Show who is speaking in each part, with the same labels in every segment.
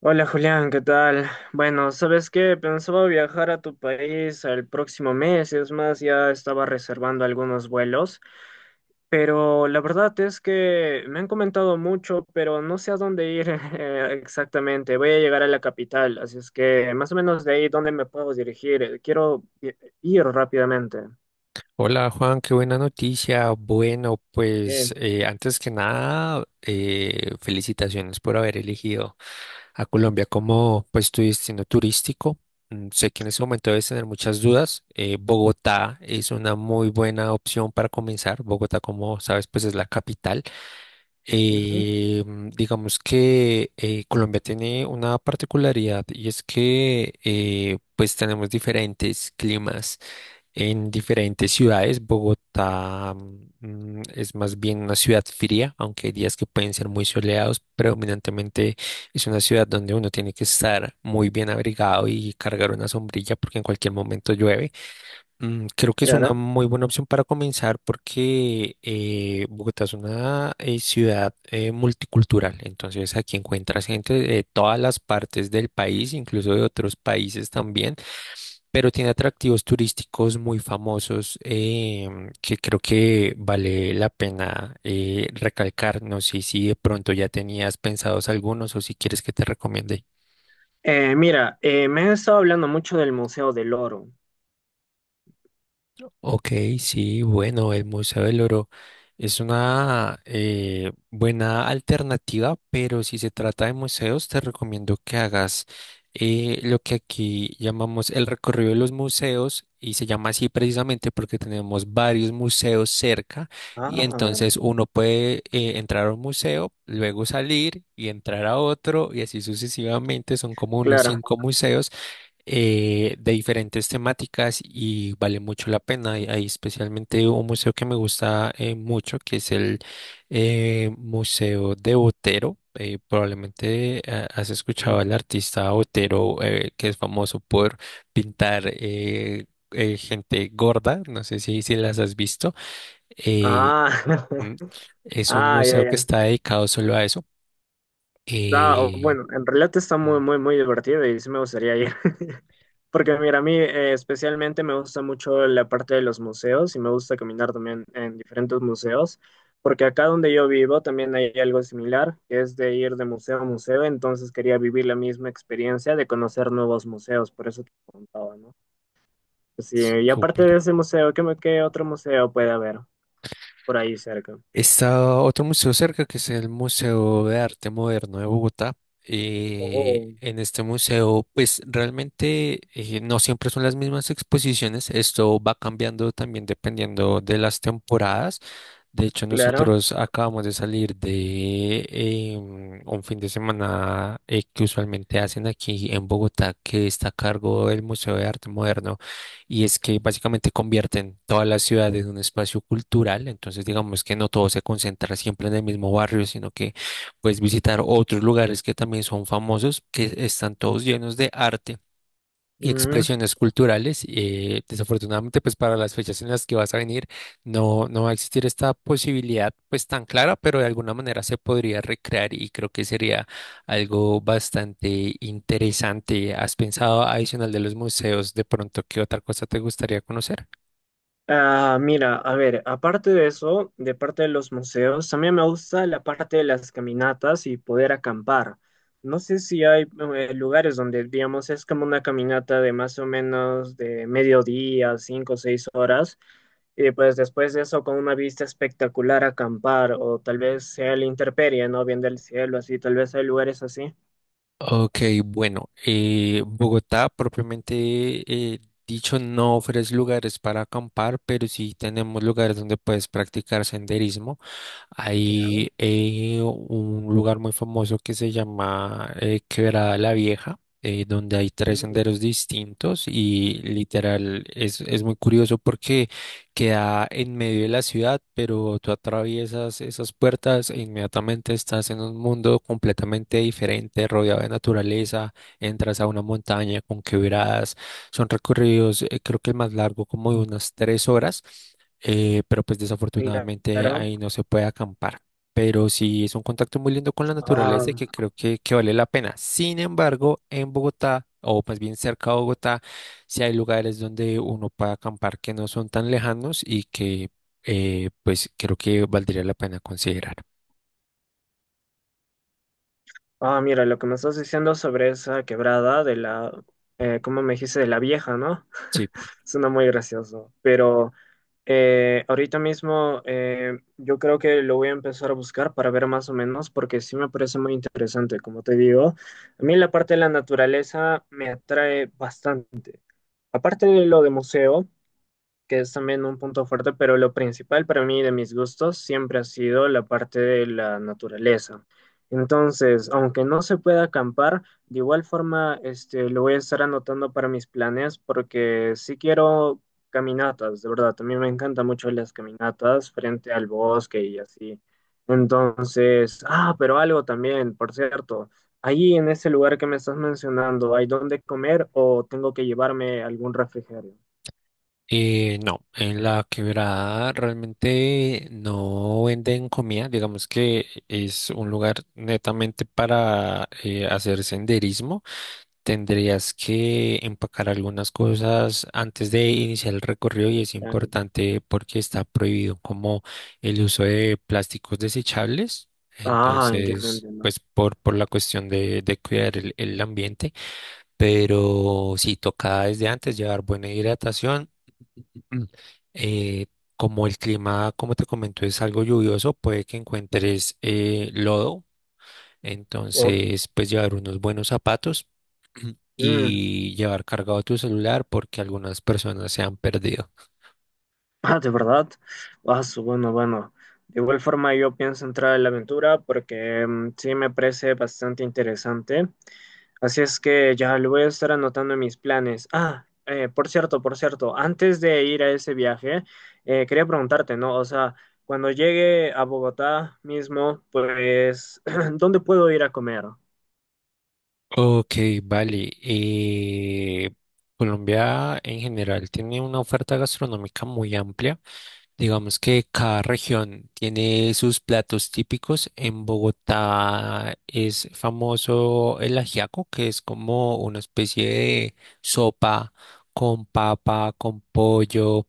Speaker 1: Hola Julián, ¿qué tal? Bueno, ¿sabes qué? Pensaba viajar a tu país el próximo mes, es más, ya estaba reservando algunos vuelos, pero la verdad es que me han comentado mucho, pero no sé a dónde ir exactamente. Voy a llegar a la capital, así es que más o menos de ahí, ¿dónde me puedo dirigir? Quiero ir rápidamente.
Speaker 2: Hola Juan, qué buena noticia. Bueno,
Speaker 1: Eh,
Speaker 2: pues antes que nada, felicitaciones por haber elegido a Colombia como pues tu destino turístico. Sé que en ese momento debes tener muchas dudas. Bogotá es una muy buena opción para comenzar. Bogotá, como sabes, pues es la capital.
Speaker 1: ujú,
Speaker 2: Digamos que Colombia tiene una particularidad y es que pues tenemos diferentes climas en diferentes ciudades. Bogotá, es más bien una ciudad fría, aunque hay días que pueden ser muy soleados. Predominantemente es una ciudad donde uno tiene que estar muy bien abrigado y cargar una sombrilla porque en cualquier momento llueve. Creo que es una
Speaker 1: claro.
Speaker 2: muy buena opción para comenzar porque Bogotá es una ciudad multicultural, entonces aquí encuentras gente de todas las partes del país, incluso de otros países también, pero tiene atractivos turísticos muy famosos que creo que vale la pena recalcar. No sé si de pronto ya tenías pensados algunos o si quieres que te recomiende.
Speaker 1: Mira, me han estado hablando mucho del Museo del Oro.
Speaker 2: Ok, sí, bueno, el Museo del Oro es una buena alternativa, pero si se trata de museos, te recomiendo que hagas lo que aquí llamamos el recorrido de los museos, y se llama así precisamente porque tenemos varios museos cerca, y
Speaker 1: Ah,
Speaker 2: entonces uno puede entrar a un museo, luego salir y entrar a otro y así sucesivamente. Son como unos
Speaker 1: claro.
Speaker 2: cinco museos de diferentes temáticas y vale mucho la pena. Y hay especialmente un museo que me gusta mucho, que es el Museo de Botero. Probablemente has escuchado al artista Botero, que es famoso por pintar gente gorda. No sé si las has visto. Eh,
Speaker 1: Ah,
Speaker 2: mm, es un
Speaker 1: Ah, ya,
Speaker 2: museo que
Speaker 1: ya.
Speaker 2: está dedicado solo a eso.
Speaker 1: No,
Speaker 2: Eh,
Speaker 1: bueno, en realidad está muy,
Speaker 2: mm,
Speaker 1: muy, muy divertido y sí me gustaría ir. Porque mira, a mí especialmente me gusta mucho la parte de los museos y me gusta caminar también en diferentes museos. Porque acá donde yo vivo también hay algo similar, que es de ir de museo a museo. Entonces quería vivir la misma experiencia de conocer nuevos museos, por eso te preguntaba, ¿no? Pues sí, y aparte de
Speaker 2: Súper.
Speaker 1: ese museo, ¿qué, qué otro museo puede haber por ahí cerca?
Speaker 2: Está otro museo cerca que es el Museo de Arte Moderno de Bogotá.
Speaker 1: Oh,
Speaker 2: En este museo, pues realmente no siempre son las mismas exposiciones. Esto va cambiando también dependiendo de las temporadas. De hecho,
Speaker 1: claro.
Speaker 2: nosotros acabamos de salir de un fin de semana que usualmente hacen aquí en Bogotá, que está a cargo del Museo de Arte Moderno, y es que básicamente convierten toda la ciudad en un espacio cultural, entonces digamos que no todo se concentra siempre en el mismo barrio, sino que puedes visitar otros lugares que también son famosos, que están todos llenos de arte y
Speaker 1: Ujú.
Speaker 2: expresiones culturales. Desafortunadamente, pues para las fechas en las que vas a venir, no va a existir esta posibilidad pues tan clara, pero de alguna manera se podría recrear y creo que sería algo bastante interesante. ¿Has pensado, adicional de los museos, de pronto qué otra cosa te gustaría conocer?
Speaker 1: Ah, mira, a ver, aparte de eso, de parte de los museos, también me gusta la parte de las caminatas y poder acampar. No sé si hay lugares donde, digamos, es como una caminata de más o menos de mediodía, cinco o seis horas, y pues después de eso con una vista espectacular acampar, o tal vez sea la intemperie, ¿no? Viendo el cielo, así, tal vez hay lugares así.
Speaker 2: Ok, bueno, Bogotá propiamente eh, dicho no ofrece lugares para acampar, pero sí tenemos lugares donde puedes practicar senderismo.
Speaker 1: Ya.
Speaker 2: Hay un lugar muy famoso que se llama Quebrada la Vieja, donde hay tres
Speaker 1: Mm,
Speaker 2: senderos distintos y literal es muy curioso porque queda en medio de la ciudad, pero tú atraviesas esas puertas e inmediatamente estás en un mundo completamente diferente, rodeado de naturaleza, entras a una montaña con quebradas. Son recorridos, creo que el más largo como de unas tres horas, pero pues desafortunadamente
Speaker 1: claro.
Speaker 2: ahí no se puede acampar. Pero sí es un contacto muy lindo con la
Speaker 1: Ah,
Speaker 2: naturaleza y que creo que vale la pena. Sin embargo, en Bogotá, o más bien cerca de Bogotá, sí hay lugares donde uno puede acampar que no son tan lejanos y que pues creo que valdría la pena considerar.
Speaker 1: ah, mira, lo que me estás diciendo sobre esa quebrada de la, ¿cómo me dijiste? De la vieja, ¿no?
Speaker 2: Sí,
Speaker 1: Suena muy gracioso. Pero ahorita mismo yo creo que lo voy a empezar a buscar para ver más o menos, porque sí me parece muy interesante, como te digo. A mí la parte de la naturaleza me atrae bastante. Aparte de lo de museo que es también un punto fuerte, pero lo principal para mí de mis gustos siempre ha sido la parte de la naturaleza. Entonces, aunque no se pueda acampar, de igual forma este, lo voy a estar anotando para mis planes porque sí quiero caminatas, de verdad, también me encantan mucho las caminatas frente al bosque y así. Entonces, ah, pero algo también, por cierto, ahí en ese lugar que me estás mencionando, ¿hay dónde comer o tengo que llevarme algún refrigerio?
Speaker 2: no, en la quebrada realmente no venden comida, digamos que es un lugar netamente para hacer senderismo. Tendrías que empacar algunas cosas antes de iniciar el recorrido, y es importante porque está prohibido como el uso de plásticos desechables.
Speaker 1: Ah, entiendo,
Speaker 2: Entonces,
Speaker 1: entiendo.
Speaker 2: pues por la cuestión de cuidar el ambiente. Pero sí toca desde antes llevar buena hidratación. Eh, como el clima, como te comento, es algo lluvioso, puede que encuentres lodo,
Speaker 1: Oh,
Speaker 2: entonces, pues llevar unos buenos zapatos
Speaker 1: mm,
Speaker 2: y llevar cargado tu celular porque algunas personas se han perdido.
Speaker 1: ah, de verdad. Ah, bueno, bueno. De igual forma, yo pienso entrar en la aventura porque mm, sí me parece bastante interesante. Así es que ya lo voy a estar anotando en mis planes. Ah, por cierto, antes de ir a ese viaje, quería preguntarte, ¿no? O sea, cuando llegue a Bogotá mismo, pues, ¿dónde puedo ir a comer?
Speaker 2: Ok, vale. Colombia en general tiene una oferta gastronómica muy amplia. Digamos que cada región tiene sus platos típicos. En Bogotá es famoso el ajiaco, que es como una especie de sopa con papa, con pollo.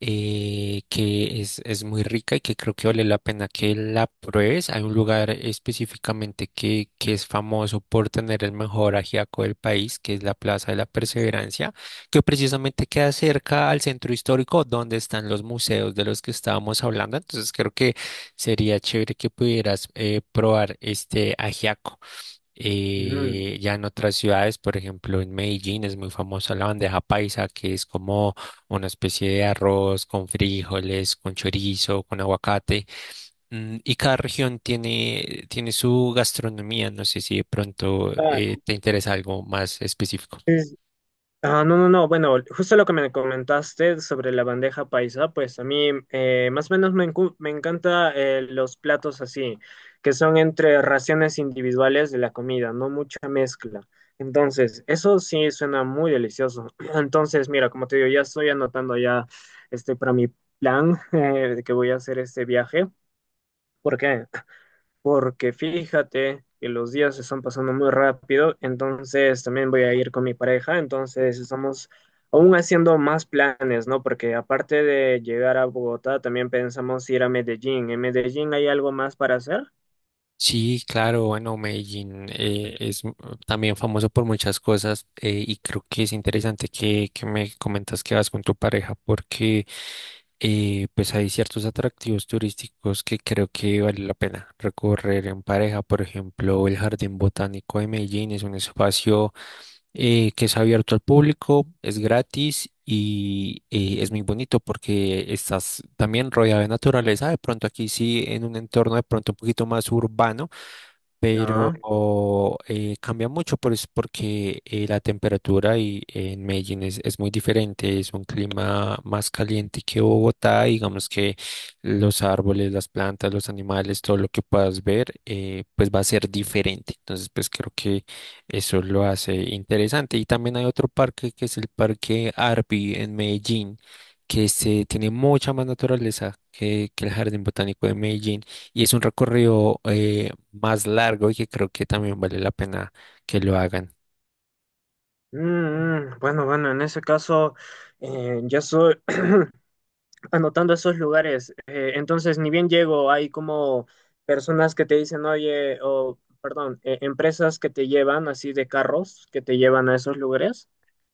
Speaker 2: Es muy rica y que creo que vale la pena que la pruebes. Hay un lugar específicamente que es famoso por tener el mejor ajiaco del país, que es la Plaza de la Perseverancia, que precisamente queda cerca al centro histórico donde están los museos de los que estábamos hablando. Entonces creo que sería chévere que pudieras probar este ajiaco.
Speaker 1: Ujú.
Speaker 2: Ya en otras ciudades, por ejemplo, en Medellín es muy famosa la bandeja paisa, que es como una especie de arroz con frijoles, con chorizo, con aguacate. Y cada región tiene, tiene su gastronomía. No sé si de pronto
Speaker 1: Ah,
Speaker 2: te interesa algo más específico.
Speaker 1: ah, no, no, no. Bueno, justo lo que me comentaste sobre la bandeja paisa, pues a mí más o menos me, me encanta los platos así, que son entre raciones individuales de la comida, no mucha mezcla. Entonces, eso sí suena muy delicioso. Entonces, mira, como te digo, ya estoy anotando ya este para mi plan de que voy a hacer este viaje. ¿Por qué? Porque fíjate que los días se están pasando muy rápido, entonces también voy a ir con mi pareja, entonces estamos aún haciendo más planes, ¿no? Porque aparte de llegar a Bogotá, también pensamos ir a Medellín. ¿En Medellín hay algo más para hacer?
Speaker 2: Sí, claro, bueno, Medellín también famoso por muchas cosas, y creo que es interesante que me comentas que vas con tu pareja, porque y pues hay ciertos atractivos turísticos que creo que vale la pena recorrer en pareja. Por ejemplo, el Jardín Botánico de Medellín es un espacio que es abierto al público, es gratis y es muy bonito porque estás también rodeado de naturaleza. De pronto aquí sí, en un entorno de pronto un poquito más urbano, pero
Speaker 1: No.
Speaker 2: cambia mucho pues, porque la temperatura y, en Medellín es muy diferente, es un clima más caliente que Bogotá, y digamos que los árboles, las plantas, los animales, todo lo que puedas ver, pues va a ser diferente. Entonces, pues creo que eso lo hace interesante. Y también hay otro parque que es el Parque Arby en Medellín, que se tiene mucha más naturaleza que el Jardín Botánico de Medellín. Y es un recorrido más largo y que creo que también vale la pena que lo hagan.
Speaker 1: Mm, mm, bueno, bueno, en ese caso, ya soy, anotando esos lugares. Entonces, ni bien llego, hay como personas que te dicen, oye, o perdón, empresas que te llevan así de carros, que te llevan a esos lugares.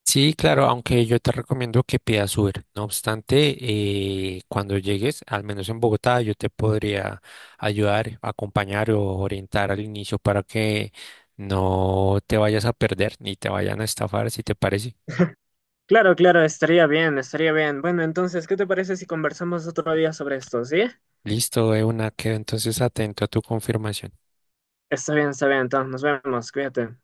Speaker 2: Sí, claro, aunque yo te recomiendo que pidas Uber. No obstante, cuando llegues, al menos en Bogotá, yo te podría ayudar, acompañar o orientar al inicio para que no te vayas a perder ni te vayan a estafar, si te parece.
Speaker 1: Claro, claro, estaría bien, estaría bien. Bueno, entonces, ¿qué te parece si conversamos otro día sobre esto? ¿Sí?
Speaker 2: Listo, de una, quedo entonces atento a tu confirmación.
Speaker 1: Está bien, entonces nos vemos, cuídate.